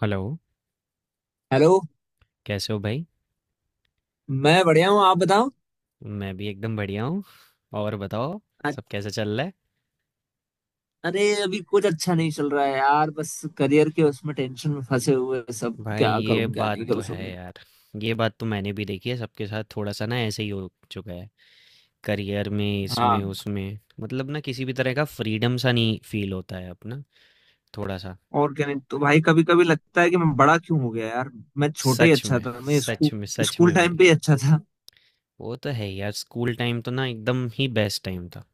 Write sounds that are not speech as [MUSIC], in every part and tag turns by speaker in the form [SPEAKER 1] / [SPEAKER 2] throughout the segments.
[SPEAKER 1] Hello.
[SPEAKER 2] Hello.
[SPEAKER 1] कैसे हो भाई?
[SPEAKER 2] मैं बढ़िया हूँ, आप बताओ।
[SPEAKER 1] मैं भी एकदम बढ़िया हूँ। और बताओ
[SPEAKER 2] अ-
[SPEAKER 1] सब कैसे चल रहा है।
[SPEAKER 2] अरे अभी कुछ अच्छा नहीं चल रहा है यार, बस करियर के उसमें टेंशन में फंसे हुए हैं। सब
[SPEAKER 1] भाई
[SPEAKER 2] क्या
[SPEAKER 1] ये
[SPEAKER 2] करूँ क्या
[SPEAKER 1] बात
[SPEAKER 2] नहीं
[SPEAKER 1] तो
[SPEAKER 2] करूँ
[SPEAKER 1] है
[SPEAKER 2] सब।
[SPEAKER 1] यार। ये बात तो मैंने भी देखी है सबके साथ, थोड़ा सा ना ऐसे ही हो चुका है। करियर में, इसमें
[SPEAKER 2] हाँ,
[SPEAKER 1] उसमें, मतलब ना किसी भी तरह का फ्रीडम सा नहीं फील होता है अपना, थोड़ा सा।
[SPEAKER 2] और क्या। नहीं तो भाई कभी कभी लगता है कि मैं बड़ा क्यों हो गया यार। मैं छोटा ही
[SPEAKER 1] सच
[SPEAKER 2] अच्छा
[SPEAKER 1] में।
[SPEAKER 2] था। मैं स्कूल
[SPEAKER 1] सच में, सच
[SPEAKER 2] स्कूल
[SPEAKER 1] में
[SPEAKER 2] टाइम
[SPEAKER 1] भाई।
[SPEAKER 2] पे ही अच्छा था।
[SPEAKER 1] वो तो है यार, स्कूल टाइम तो ना एकदम ही बेस्ट टाइम था।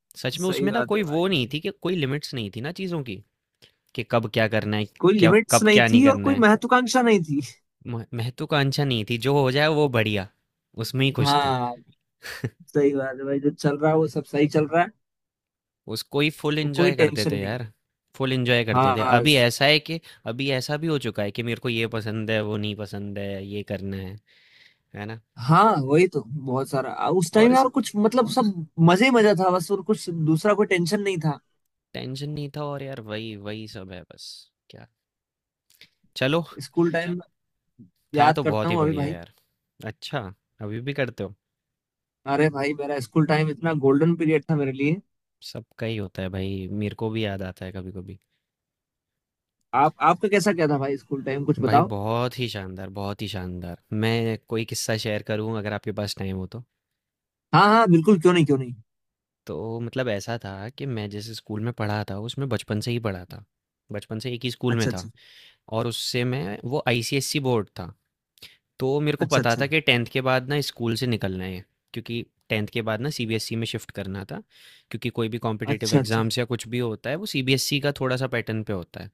[SPEAKER 2] [LAUGHS]
[SPEAKER 1] सच में,
[SPEAKER 2] सही
[SPEAKER 1] उसमें ना
[SPEAKER 2] बात
[SPEAKER 1] कोई
[SPEAKER 2] है
[SPEAKER 1] वो
[SPEAKER 2] भाई।
[SPEAKER 1] नहीं थी कि कोई लिमिट्स नहीं थी ना चीज़ों की, कि कब क्या करना है,
[SPEAKER 2] कोई
[SPEAKER 1] क्या
[SPEAKER 2] लिमिट्स
[SPEAKER 1] कब
[SPEAKER 2] नहीं
[SPEAKER 1] क्या नहीं
[SPEAKER 2] थी और
[SPEAKER 1] करना
[SPEAKER 2] कोई
[SPEAKER 1] है।
[SPEAKER 2] महत्वाकांक्षा नहीं थी।
[SPEAKER 1] महत्वाकांक्षा नहीं थी, जो हो जाए वो बढ़िया, उसमें ही
[SPEAKER 2] [LAUGHS]
[SPEAKER 1] खुश थे।
[SPEAKER 2] हाँ। सही बात है भाई, जो चल रहा है वो सब सही चल रहा है।
[SPEAKER 1] उसको ही फुल
[SPEAKER 2] और कोई
[SPEAKER 1] एंजॉय करते
[SPEAKER 2] टेंशन
[SPEAKER 1] थे
[SPEAKER 2] नहीं।
[SPEAKER 1] यार, फुल एंजॉय करते थे।
[SPEAKER 2] हाँ
[SPEAKER 1] अभी ऐसा है कि अभी ऐसा भी हो चुका है कि मेरे को ये पसंद है, वो नहीं पसंद है, ये करना है ना।
[SPEAKER 2] हाँ वही तो बहुत सारा, उस
[SPEAKER 1] और
[SPEAKER 2] टाइम
[SPEAKER 1] इस
[SPEAKER 2] यार कुछ मतलब सब मजे ही मजा था बस, और कुछ दूसरा कोई टेंशन नहीं था।
[SPEAKER 1] टेंशन नहीं था, और यार वही वही सब है बस। क्या। चलो।
[SPEAKER 2] स्कूल टाइम में
[SPEAKER 1] था
[SPEAKER 2] याद
[SPEAKER 1] तो
[SPEAKER 2] करता
[SPEAKER 1] बहुत ही
[SPEAKER 2] हूँ अभी
[SPEAKER 1] बढ़िया
[SPEAKER 2] भाई।
[SPEAKER 1] यार। अच्छा, अभी भी करते हो?
[SPEAKER 2] अरे भाई, मेरा स्कूल टाइम इतना गोल्डन पीरियड था मेरे लिए।
[SPEAKER 1] सबका ही होता है भाई, मेरे को भी याद आता है कभी कभी।
[SPEAKER 2] आप आपका कैसा क्या था भाई, स्कूल टाइम कुछ
[SPEAKER 1] भाई
[SPEAKER 2] बताओ।
[SPEAKER 1] बहुत ही शानदार, बहुत ही शानदार। मैं कोई किस्सा शेयर करूं अगर आपके पास टाइम हो तो?
[SPEAKER 2] हाँ हाँ बिल्कुल, क्यों नहीं क्यों नहीं।
[SPEAKER 1] तो मतलब ऐसा था कि मैं जिस स्कूल में पढ़ा था उसमें बचपन से ही पढ़ा था। बचपन से एक ही स्कूल में
[SPEAKER 2] अच्छा
[SPEAKER 1] था,
[SPEAKER 2] अच्छा।
[SPEAKER 1] और उससे मैं वो आईसीएसई बोर्ड था। तो मेरे को
[SPEAKER 2] अच्छा
[SPEAKER 1] पता
[SPEAKER 2] अच्छा।
[SPEAKER 1] था कि 10th के बाद ना स्कूल से निकलना है, क्योंकि 10th के बाद ना सीबीएसई में शिफ्ट करना था, क्योंकि कोई भी कॉम्पिटिटिव
[SPEAKER 2] अच्छा अच्छा।
[SPEAKER 1] एग्ज़ाम्स या कुछ भी होता है वो सीबीएसई का थोड़ा सा पैटर्न पे होता है।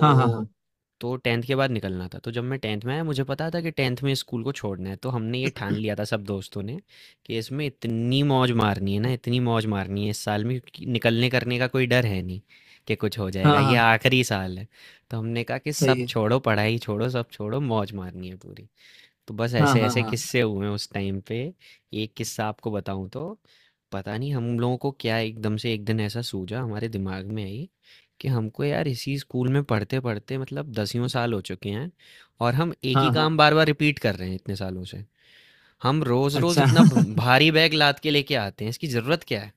[SPEAKER 2] हाँ हाँ हाँ।
[SPEAKER 1] तो 10th के बाद निकलना था, तो जब मैं 10th में आया मुझे पता था कि 10th में स्कूल को छोड़ना है, तो हमने ये ठान लिया था सब दोस्तों ने कि इसमें इतनी मौज मारनी है ना, इतनी मौज मारनी है इस साल में, क्योंकि निकलने करने का कोई डर है नहीं कि कुछ हो जाएगा,
[SPEAKER 2] हाँ
[SPEAKER 1] ये
[SPEAKER 2] हाँ।
[SPEAKER 1] आखिरी साल है। तो हमने कहा कि
[SPEAKER 2] सही
[SPEAKER 1] सब
[SPEAKER 2] है।
[SPEAKER 1] छोड़ो, पढ़ाई छोड़ो, सब छोड़ो, मौज मारनी है पूरी। तो बस
[SPEAKER 2] हाँ
[SPEAKER 1] ऐसे
[SPEAKER 2] हाँ
[SPEAKER 1] ऐसे
[SPEAKER 2] हाँ।
[SPEAKER 1] किस्से हुए उस टाइम पे। एक किस्सा आपको बताऊं तो, पता नहीं हम लोगों को क्या एकदम से एक दिन ऐसा सूझा, हमारे दिमाग में आई कि हमको यार इसी स्कूल में पढ़ते पढ़ते मतलब दसियों साल हो चुके हैं, और हम एक ही
[SPEAKER 2] हाँ हाँ।
[SPEAKER 1] काम बार बार रिपीट कर रहे हैं इतने सालों से। हम रोज रोज
[SPEAKER 2] अच्छा।
[SPEAKER 1] इतना भारी बैग लाद के लेके आते हैं, इसकी जरूरत क्या है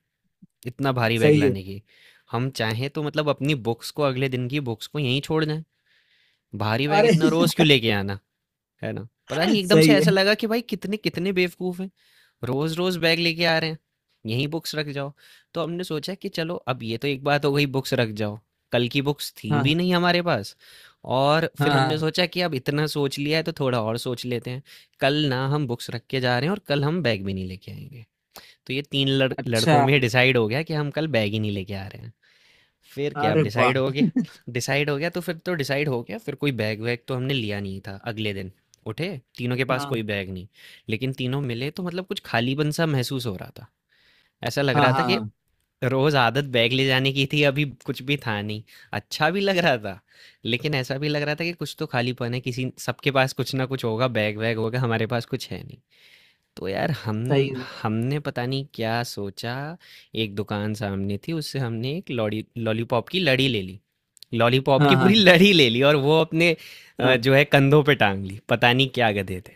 [SPEAKER 1] इतना
[SPEAKER 2] [LAUGHS]
[SPEAKER 1] भारी बैग
[SPEAKER 2] सही है।
[SPEAKER 1] लाने की। हम चाहें तो मतलब अपनी बुक्स को, अगले दिन की बुक्स को यहीं छोड़ दें, भारी बैग
[SPEAKER 2] अरे।
[SPEAKER 1] इतना रोज क्यों लेके आना, है ना। पता नहीं
[SPEAKER 2] [LAUGHS]
[SPEAKER 1] एकदम से
[SPEAKER 2] सही
[SPEAKER 1] ऐसा
[SPEAKER 2] है।
[SPEAKER 1] लगा कि भाई कितने कितने बेवकूफ हैं, रोज रोज बैग लेके आ रहे हैं, यही बुक्स रख जाओ। तो हमने सोचा कि चलो अब ये तो एक बात हो गई, बुक्स रख जाओ। कल की बुक्स थी
[SPEAKER 2] हाँ
[SPEAKER 1] भी नहीं हमारे पास। और फिर
[SPEAKER 2] हाँ
[SPEAKER 1] हमने
[SPEAKER 2] हाँ।
[SPEAKER 1] सोचा कि अब इतना सोच लिया है तो थोड़ा और सोच लेते हैं। कल ना हम बुक्स रख के जा रहे हैं, और कल हम बैग भी नहीं लेके आएंगे। तो ये तीन लड़कों
[SPEAKER 2] अच्छा।
[SPEAKER 1] में डिसाइड हो गया कि हम कल बैग ही नहीं लेके आ रहे हैं। फिर क्या, अब
[SPEAKER 2] अरे
[SPEAKER 1] डिसाइड
[SPEAKER 2] वाह।
[SPEAKER 1] हो गया। डिसाइड हो गया तो फिर तो डिसाइड हो गया, फिर कोई बैग वैग तो हमने लिया नहीं था अगले दिन। उठे, तीनों के पास
[SPEAKER 2] हाँ
[SPEAKER 1] कोई बैग नहीं, लेकिन तीनों मिले तो मतलब कुछ खालीपन सा महसूस हो रहा था। ऐसा लग
[SPEAKER 2] हाँ
[SPEAKER 1] रहा था
[SPEAKER 2] हाँ।
[SPEAKER 1] कि
[SPEAKER 2] हाँ,
[SPEAKER 1] रोज आदत बैग ले जाने की थी, अभी कुछ भी था नहीं। अच्छा भी लग रहा था, लेकिन ऐसा भी लग रहा था कि कुछ तो खालीपन है, किसी सबके पास कुछ ना कुछ होगा, बैग वैग होगा, हमारे पास कुछ है नहीं। तो यार हम
[SPEAKER 2] सही है।
[SPEAKER 1] हमने पता नहीं क्या सोचा, एक दुकान सामने थी, उससे हमने एक लॉलीपॉप की लड़ी ले ली। लॉलीपॉप की
[SPEAKER 2] हाँ
[SPEAKER 1] पूरी
[SPEAKER 2] हाँ
[SPEAKER 1] लड़ी ले ली और वो अपने
[SPEAKER 2] हाँ।
[SPEAKER 1] जो है कंधों पे टांग ली, पता नहीं क्या गधे थे।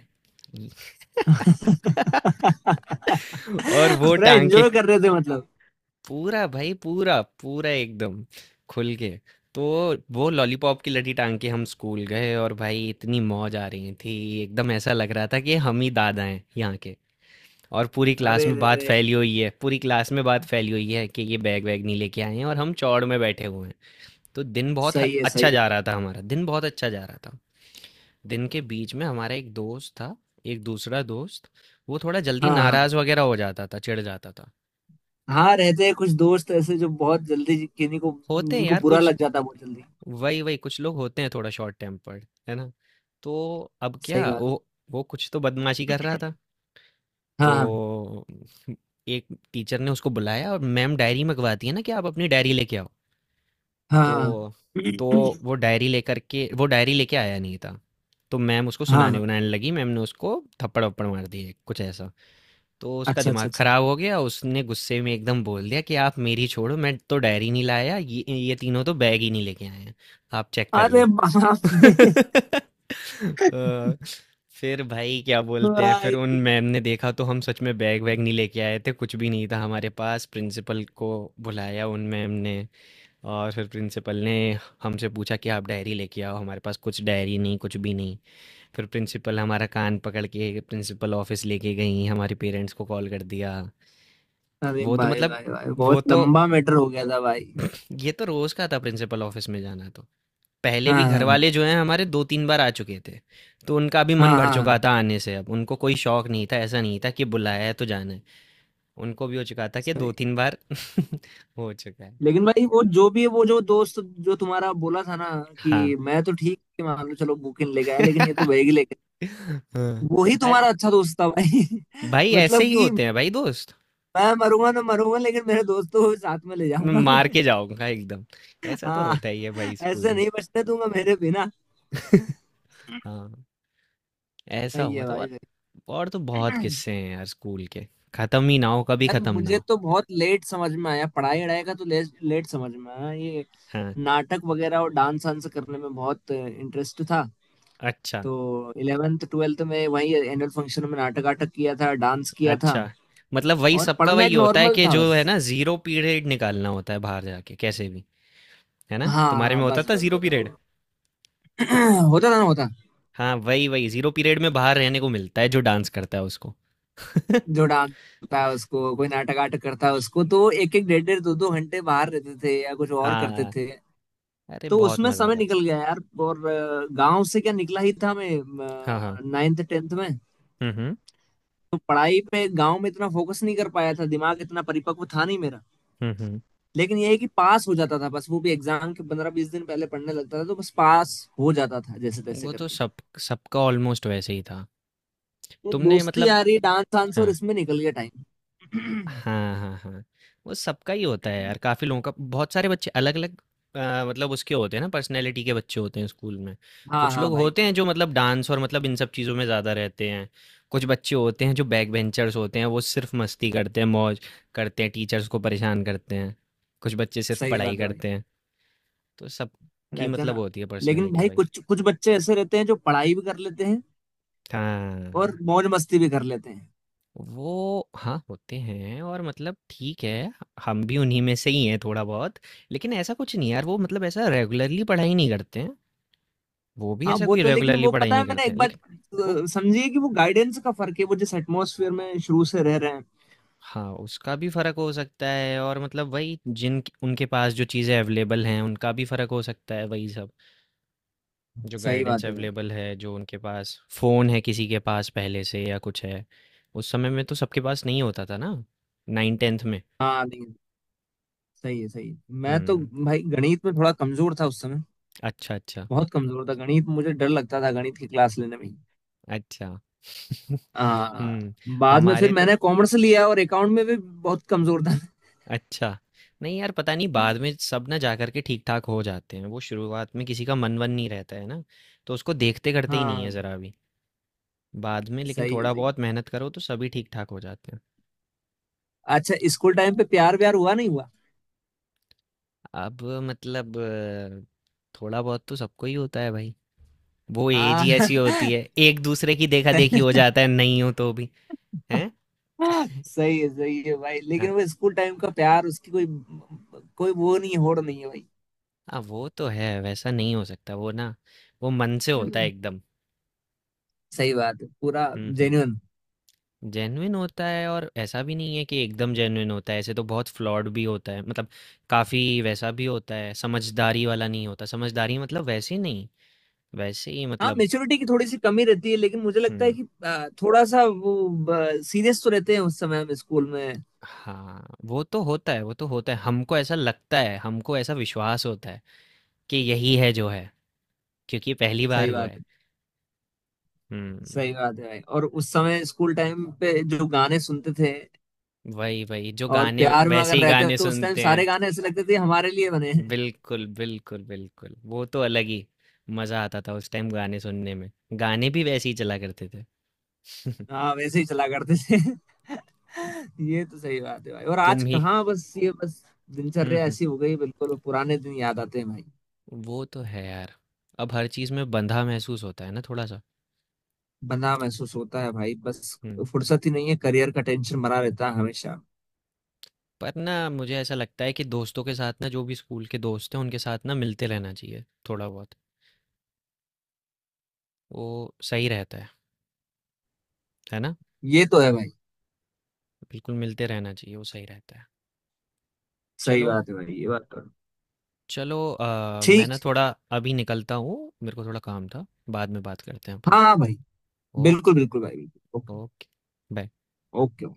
[SPEAKER 2] [LAUGHS]
[SPEAKER 1] [LAUGHS] और वो
[SPEAKER 2] पूरा
[SPEAKER 1] टांग के,
[SPEAKER 2] एंजॉय कर रहे थे मतलब।
[SPEAKER 1] पूरा भाई, पूरा पूरा एकदम खुल के, तो वो लॉलीपॉप की लड़ी टांग के हम स्कूल गए और भाई इतनी मौज आ रही थी, एकदम ऐसा लग रहा था कि हम ही दादा हैं यहाँ। और पूरी क्लास
[SPEAKER 2] अरे
[SPEAKER 1] में
[SPEAKER 2] रे
[SPEAKER 1] बात
[SPEAKER 2] रे।
[SPEAKER 1] फैली हुई है, पूरी क्लास में बात फैली हुई है कि ये बैग वैग नहीं लेके आए हैं, और हम चौड़ में बैठे हुए हैं। तो दिन बहुत ह-
[SPEAKER 2] सही है सही
[SPEAKER 1] अच्छा
[SPEAKER 2] है।
[SPEAKER 1] जा रहा था, हमारा दिन बहुत अच्छा जा रहा था। दिन के बीच में हमारा एक दोस्त था, एक दूसरा दोस्त। वो थोड़ा जल्दी
[SPEAKER 2] हाँ हाँ
[SPEAKER 1] नाराज वगैरह हो जाता था, चिढ़ जाता था।
[SPEAKER 2] हाँ, रहते हैं कुछ दोस्त ऐसे जो बहुत जल्दी किन्हीं को,
[SPEAKER 1] होते हैं
[SPEAKER 2] जिनको
[SPEAKER 1] यार
[SPEAKER 2] बुरा
[SPEAKER 1] कुछ,
[SPEAKER 2] लग जाता है बहुत जल्दी।
[SPEAKER 1] वही वही कुछ लोग होते हैं, थोड़ा शॉर्ट टेम्पर्ड, है ना। तो अब
[SPEAKER 2] सही
[SPEAKER 1] क्या,
[SPEAKER 2] बात।
[SPEAKER 1] वो कुछ तो बदमाशी कर रहा था।
[SPEAKER 2] हाँ
[SPEAKER 1] तो एक टीचर ने उसको बुलाया, और मैम डायरी मंगवाती है ना कि आप अपनी डायरी लेके आओ।
[SPEAKER 2] हाँ हाँ।
[SPEAKER 1] तो तो वो डायरी लेके आया नहीं था। तो मैम उसको
[SPEAKER 2] हाँ हाँ
[SPEAKER 1] सुनाने
[SPEAKER 2] हाँ।
[SPEAKER 1] उनाने लगी, मैम ने उसको थप्पड़ वप्पड़ मार दिए कुछ ऐसा। तो उसका
[SPEAKER 2] अच्छा अच्छा
[SPEAKER 1] दिमाग
[SPEAKER 2] अच्छा।
[SPEAKER 1] खराब हो गया, उसने गुस्से में एकदम बोल दिया कि आप मेरी छोड़ो, मैं तो डायरी नहीं लाया, ये तीनों तो बैग ही नहीं लेके आए हैं, आप चेक कर
[SPEAKER 2] अरे
[SPEAKER 1] लो।
[SPEAKER 2] बाप रे।
[SPEAKER 1] [LAUGHS] अ, फिर भाई क्या बोलते हैं, फिर
[SPEAKER 2] भाई।
[SPEAKER 1] उन मैम ने देखा तो हम सच में बैग वैग नहीं लेके आए थे, कुछ भी नहीं था हमारे पास। प्रिंसिपल को बुलाया उन मैम ने, और फिर प्रिंसिपल ने हमसे पूछा कि आप डायरी लेके आओ, हमारे पास कुछ डायरी नहीं, कुछ भी नहीं। फिर प्रिंसिपल हमारा कान पकड़ के प्रिंसिपल ऑफिस लेके गई, हमारे पेरेंट्स को कॉल कर दिया।
[SPEAKER 2] अरे
[SPEAKER 1] वो तो
[SPEAKER 2] भाई
[SPEAKER 1] मतलब
[SPEAKER 2] भाई भाई,
[SPEAKER 1] वो
[SPEAKER 2] बहुत
[SPEAKER 1] तो
[SPEAKER 2] लंबा मैटर हो गया था भाई।
[SPEAKER 1] ये तो रोज का था प्रिंसिपल ऑफिस में जाना, तो पहले
[SPEAKER 2] हाँ
[SPEAKER 1] भी
[SPEAKER 2] हाँ
[SPEAKER 1] घर
[SPEAKER 2] हाँ।
[SPEAKER 1] वाले जो हैं हमारे दो तीन बार आ चुके थे। तो उनका भी मन
[SPEAKER 2] हाँ
[SPEAKER 1] भर
[SPEAKER 2] हाँ।
[SPEAKER 1] चुका था आने से, अब उनको कोई शौक नहीं था, ऐसा नहीं था कि बुलाया है तो जाना है। उनको भी हो चुका था कि दो
[SPEAKER 2] सही।
[SPEAKER 1] तीन बार [LAUGHS] हो चुका है।
[SPEAKER 2] लेकिन भाई वो जो भी है, वो जो दोस्त, जो तुम्हारा बोला था ना,
[SPEAKER 1] हाँ।
[SPEAKER 2] कि मैं तो ठीक है मान लो, चलो बुकिन लेके आया, लेकिन
[SPEAKER 1] [LAUGHS]
[SPEAKER 2] ये तो बैग ही लेके।
[SPEAKER 1] हाँ।
[SPEAKER 2] वो ही तुम्हारा
[SPEAKER 1] अरे
[SPEAKER 2] अच्छा दोस्त था भाई। [LAUGHS]
[SPEAKER 1] भाई ऐसे
[SPEAKER 2] मतलब
[SPEAKER 1] ही
[SPEAKER 2] कि
[SPEAKER 1] होते हैं भाई दोस्त,
[SPEAKER 2] मैं मरूंगा ना मरूंगा, लेकिन मेरे दोस्तों को भी साथ में ले
[SPEAKER 1] मैं
[SPEAKER 2] जाऊंगा मैं।
[SPEAKER 1] मार के जाऊंगा एकदम।
[SPEAKER 2] [LAUGHS]
[SPEAKER 1] ऐसा तो
[SPEAKER 2] हाँ,
[SPEAKER 1] होता ही है भाई स्कूल
[SPEAKER 2] ऐसे
[SPEAKER 1] में।
[SPEAKER 2] नहीं बचने दूंगा मेरे बिना।
[SPEAKER 1] [LAUGHS] हाँ, ऐसा
[SPEAKER 2] सही
[SPEAKER 1] हुआ
[SPEAKER 2] है
[SPEAKER 1] था। और
[SPEAKER 2] भाई
[SPEAKER 1] तो बहुत
[SPEAKER 2] सही।
[SPEAKER 1] किस्से
[SPEAKER 2] [CLEARS THROAT]
[SPEAKER 1] हैं यार स्कूल के, खत्म ही ना हो, कभी
[SPEAKER 2] यार
[SPEAKER 1] खत्म ना
[SPEAKER 2] मुझे
[SPEAKER 1] हो।
[SPEAKER 2] तो बहुत लेट समझ में आया। पढ़ाई वढ़ाई का तो लेट समझ में आया ये।
[SPEAKER 1] हाँ।
[SPEAKER 2] नाटक वगैरह और डांस वांस करने में बहुत इंटरेस्ट था।
[SPEAKER 1] अच्छा,
[SPEAKER 2] तो 11th 12th में वही एनुअल फंक्शन में नाटक वाटक किया था, डांस किया था।
[SPEAKER 1] अच्छा। मतलब वही
[SPEAKER 2] और
[SPEAKER 1] सबका
[SPEAKER 2] पढ़ना
[SPEAKER 1] वही
[SPEAKER 2] एक
[SPEAKER 1] होता है
[SPEAKER 2] नॉर्मल
[SPEAKER 1] कि,
[SPEAKER 2] था
[SPEAKER 1] जो
[SPEAKER 2] बस।
[SPEAKER 1] है ना, जीरो पीरियड निकालना होता है बाहर, जाके कैसे भी, है ना, तुम्हारे में
[SPEAKER 2] हाँ,
[SPEAKER 1] होता
[SPEAKER 2] बस
[SPEAKER 1] था
[SPEAKER 2] बस
[SPEAKER 1] जीरो
[SPEAKER 2] बस
[SPEAKER 1] पीरियड?
[SPEAKER 2] [CLEARS THROAT] होता था ना होता।
[SPEAKER 1] हाँ वही वही, जीरो पीरियड में बाहर रहने को मिलता है जो डांस करता है उसको। [LAUGHS]
[SPEAKER 2] जो डांस होता है उसको, कोई नाटक आटक करता है उसको, तो एक एक डेढ़ डेढ़ दो दो घंटे बाहर रहते थे या कुछ और करते
[SPEAKER 1] हाँ,
[SPEAKER 2] थे।
[SPEAKER 1] अरे
[SPEAKER 2] तो
[SPEAKER 1] बहुत
[SPEAKER 2] उसमें
[SPEAKER 1] मजा
[SPEAKER 2] समय
[SPEAKER 1] आता था।
[SPEAKER 2] निकल गया यार। और गांव से क्या निकला ही था मैं,
[SPEAKER 1] हाँ हाँ।
[SPEAKER 2] 9th 10th में।
[SPEAKER 1] हम्म।
[SPEAKER 2] तो पढ़ाई पे गांव में इतना फोकस नहीं कर पाया था, दिमाग इतना परिपक्व था नहीं मेरा।
[SPEAKER 1] हम्म हम्म।
[SPEAKER 2] लेकिन ये है कि पास हो जाता था बस, वो भी एग्जाम के 15-20 दिन पहले पढ़ने लगता था, तो बस पास हो जाता था जैसे तैसे
[SPEAKER 1] वो तो
[SPEAKER 2] करके।
[SPEAKER 1] सब, सबका ऑलमोस्ट वैसे ही था।
[SPEAKER 2] तो
[SPEAKER 1] तुमने
[SPEAKER 2] दोस्ती
[SPEAKER 1] मतलब
[SPEAKER 2] आ रही डांस वांस और
[SPEAKER 1] हाँ
[SPEAKER 2] इसमें निकल गया टाइम। [CLEARS THROAT]
[SPEAKER 1] हाँ हाँ। हाँ, वो सबका ही होता है यार,
[SPEAKER 2] [COUGHS]
[SPEAKER 1] काफ़ी लोगों का, बहुत सारे बच्चे अलग अलग मतलब उसके होते हैं ना, पर्सनैलिटी के बच्चे होते हैं स्कूल में।
[SPEAKER 2] हाँ
[SPEAKER 1] कुछ
[SPEAKER 2] हाँ
[SPEAKER 1] लोग
[SPEAKER 2] भाई।
[SPEAKER 1] होते हैं जो मतलब डांस और मतलब इन सब चीज़ों में ज़्यादा रहते हैं, कुछ बच्चे होते हैं जो बैक बेंचर्स होते हैं, वो सिर्फ मस्ती करते हैं, मौज करते हैं, टीचर्स को परेशान करते हैं। कुछ बच्चे सिर्फ
[SPEAKER 2] सही
[SPEAKER 1] पढ़ाई
[SPEAKER 2] बात है भाई,
[SPEAKER 1] करते हैं, तो सबकी
[SPEAKER 2] रहते हैं
[SPEAKER 1] मतलब
[SPEAKER 2] ना।
[SPEAKER 1] होती है
[SPEAKER 2] लेकिन
[SPEAKER 1] पर्सनैलिटी
[SPEAKER 2] भाई
[SPEAKER 1] भाई।
[SPEAKER 2] कुछ कुछ बच्चे ऐसे रहते हैं जो पढ़ाई भी कर लेते हैं और
[SPEAKER 1] हाँ,
[SPEAKER 2] मौज मस्ती भी कर लेते हैं।
[SPEAKER 1] वो हाँ होते हैं, और मतलब ठीक है, हम भी उन्हीं में से ही हैं थोड़ा बहुत। लेकिन ऐसा कुछ नहीं यार, वो मतलब ऐसा रेगुलरली पढ़ाई नहीं करते हैं, वो भी
[SPEAKER 2] हाँ
[SPEAKER 1] ऐसा
[SPEAKER 2] वो
[SPEAKER 1] कोई
[SPEAKER 2] तो, लेकिन
[SPEAKER 1] रेगुलरली
[SPEAKER 2] वो
[SPEAKER 1] पढ़ाई
[SPEAKER 2] पता है
[SPEAKER 1] नहीं
[SPEAKER 2] मैंने
[SPEAKER 1] करते
[SPEAKER 2] एक
[SPEAKER 1] हैं
[SPEAKER 2] बार
[SPEAKER 1] लेकिन। वो,
[SPEAKER 2] समझिए कि वो गाइडेंस का फर्क है, वो जिस एटमोसफियर में शुरू से रह रहे हैं।
[SPEAKER 1] हाँ, उसका भी फर्क हो सकता है, और मतलब वही, जिन उनके पास जो चीज़ें अवेलेबल हैं उनका भी फर्क हो सकता है, वही सब, जो
[SPEAKER 2] सही
[SPEAKER 1] गाइडेंस
[SPEAKER 2] बात है भाई।
[SPEAKER 1] अवेलेबल है, जो उनके पास फ़ोन है किसी के पास पहले से या कुछ है, उस समय में तो सबके पास नहीं होता था ना, नाइन टेंथ में।
[SPEAKER 2] हाँ नहीं। सही है सही है। मैं तो
[SPEAKER 1] हम्म।
[SPEAKER 2] भाई गणित में थोड़ा कमजोर था उस समय।
[SPEAKER 1] अच्छा, अच्छा,
[SPEAKER 2] बहुत कमजोर था गणित, मुझे डर लगता था गणित की क्लास लेने में।
[SPEAKER 1] अच्छा। [LAUGHS]
[SPEAKER 2] आ,
[SPEAKER 1] हुँ,
[SPEAKER 2] बाद में फिर
[SPEAKER 1] हमारे तो,
[SPEAKER 2] मैंने कॉमर्स लिया और अकाउंट में भी बहुत कमजोर था।
[SPEAKER 1] अच्छा। नहीं यार, पता नहीं बाद में सब ना जा कर के ठीक-ठाक हो जाते हैं। वो शुरुआत में किसी का मन-वन नहीं रहता है ना, तो उसको देखते करते ही नहीं है
[SPEAKER 2] हाँ।
[SPEAKER 1] ज़रा भी। बाद में लेकिन
[SPEAKER 2] सही है
[SPEAKER 1] थोड़ा
[SPEAKER 2] सही।
[SPEAKER 1] बहुत मेहनत करो तो सभी ठीक-ठाक हो जाते हैं।
[SPEAKER 2] अच्छा, स्कूल टाइम पे प्यार व्यार हुआ नहीं हुआ।
[SPEAKER 1] अब मतलब थोड़ा बहुत तो सबको ही होता है भाई। वो एज
[SPEAKER 2] हाँ
[SPEAKER 1] ही ऐसी होती
[SPEAKER 2] [LAUGHS]
[SPEAKER 1] है, एक दूसरे की देखा-देखी हो जाता है, नहीं हो तो भी। हैं?
[SPEAKER 2] सही है भाई।
[SPEAKER 1] अ,
[SPEAKER 2] लेकिन वो स्कूल टाइम का प्यार, उसकी कोई कोई वो नहीं है, होड़ नहीं है भाई।
[SPEAKER 1] हाँ, वो तो है, वैसा नहीं हो सकता। वो ना, वो मन से होता है एकदम।
[SPEAKER 2] सही बात है पूरा
[SPEAKER 1] हुँ, हुँ।
[SPEAKER 2] जेन्युइन।
[SPEAKER 1] जेन्युइन होता है, और ऐसा भी नहीं है कि एकदम जेन्युइन होता है, ऐसे तो बहुत फ्लॉड भी होता है मतलब, काफ़ी वैसा भी होता है, समझदारी वाला नहीं होता, समझदारी मतलब वैसे नहीं, वैसे ही
[SPEAKER 2] हाँ
[SPEAKER 1] मतलब।
[SPEAKER 2] मेच्योरिटी की थोड़ी सी कमी रहती है, लेकिन मुझे लगता है
[SPEAKER 1] हम्म।
[SPEAKER 2] कि थोड़ा सा वो सीरियस तो रहते हैं उस समय हम स्कूल में।
[SPEAKER 1] हाँ, वो तो होता है, वो तो होता है, हमको ऐसा लगता है, हमको ऐसा विश्वास होता है कि यही है जो है, क्योंकि पहली बार
[SPEAKER 2] सही
[SPEAKER 1] हुआ
[SPEAKER 2] बात
[SPEAKER 1] है।
[SPEAKER 2] है
[SPEAKER 1] हम्म।
[SPEAKER 2] सही बात है भाई। और उस समय स्कूल टाइम पे जो गाने सुनते थे,
[SPEAKER 1] वही वही जो
[SPEAKER 2] और
[SPEAKER 1] गाने,
[SPEAKER 2] प्यार में
[SPEAKER 1] वैसे
[SPEAKER 2] अगर
[SPEAKER 1] ही
[SPEAKER 2] रहते हो
[SPEAKER 1] गाने
[SPEAKER 2] तो उस टाइम
[SPEAKER 1] सुनते हैं।
[SPEAKER 2] सारे गाने ऐसे लगते थे हमारे लिए बने हैं।
[SPEAKER 1] बिल्कुल, बिल्कुल, बिल्कुल, वो तो अलग ही मज़ा आता था उस टाइम गाने सुनने में, गाने भी वैसे ही चला करते थे। [LAUGHS]
[SPEAKER 2] हाँ वैसे ही चला करते थे। [LAUGHS] ये तो सही बात है भाई। और आज
[SPEAKER 1] तुम ही
[SPEAKER 2] कहाँ, बस ये बस
[SPEAKER 1] हुँ,
[SPEAKER 2] दिनचर्या
[SPEAKER 1] हुँ,
[SPEAKER 2] ऐसी हो गई। बिल्कुल पुराने दिन याद आते हैं भाई।
[SPEAKER 1] वो तो है यार, अब हर चीज़ में बंधा महसूस होता है ना थोड़ा सा।
[SPEAKER 2] बंदा महसूस होता है भाई बस।
[SPEAKER 1] हुँ।
[SPEAKER 2] फुर्सत ही नहीं है, करियर का टेंशन मरा रहता है हमेशा।
[SPEAKER 1] पर ना मुझे ऐसा लगता है कि दोस्तों के साथ ना, जो भी स्कूल के दोस्त हैं उनके साथ ना, मिलते रहना चाहिए थोड़ा बहुत, वो सही रहता है ना।
[SPEAKER 2] ये तो है भाई।
[SPEAKER 1] बिल्कुल मिलते रहना चाहिए, वो सही रहता है।
[SPEAKER 2] सही
[SPEAKER 1] चलो।
[SPEAKER 2] बात है भाई ये बात तो है।
[SPEAKER 1] चलो मैं
[SPEAKER 2] ठीक।
[SPEAKER 1] ना थोड़ा अभी निकलता हूँ, मेरे को थोड़ा काम था, बाद में बात करते हैं अपन।
[SPEAKER 2] हाँ हाँ भाई, बिल्कुल
[SPEAKER 1] ओके।
[SPEAKER 2] बिल्कुल भाई, बिल्कुल ओके।
[SPEAKER 1] ओके। बाय।
[SPEAKER 2] ओके।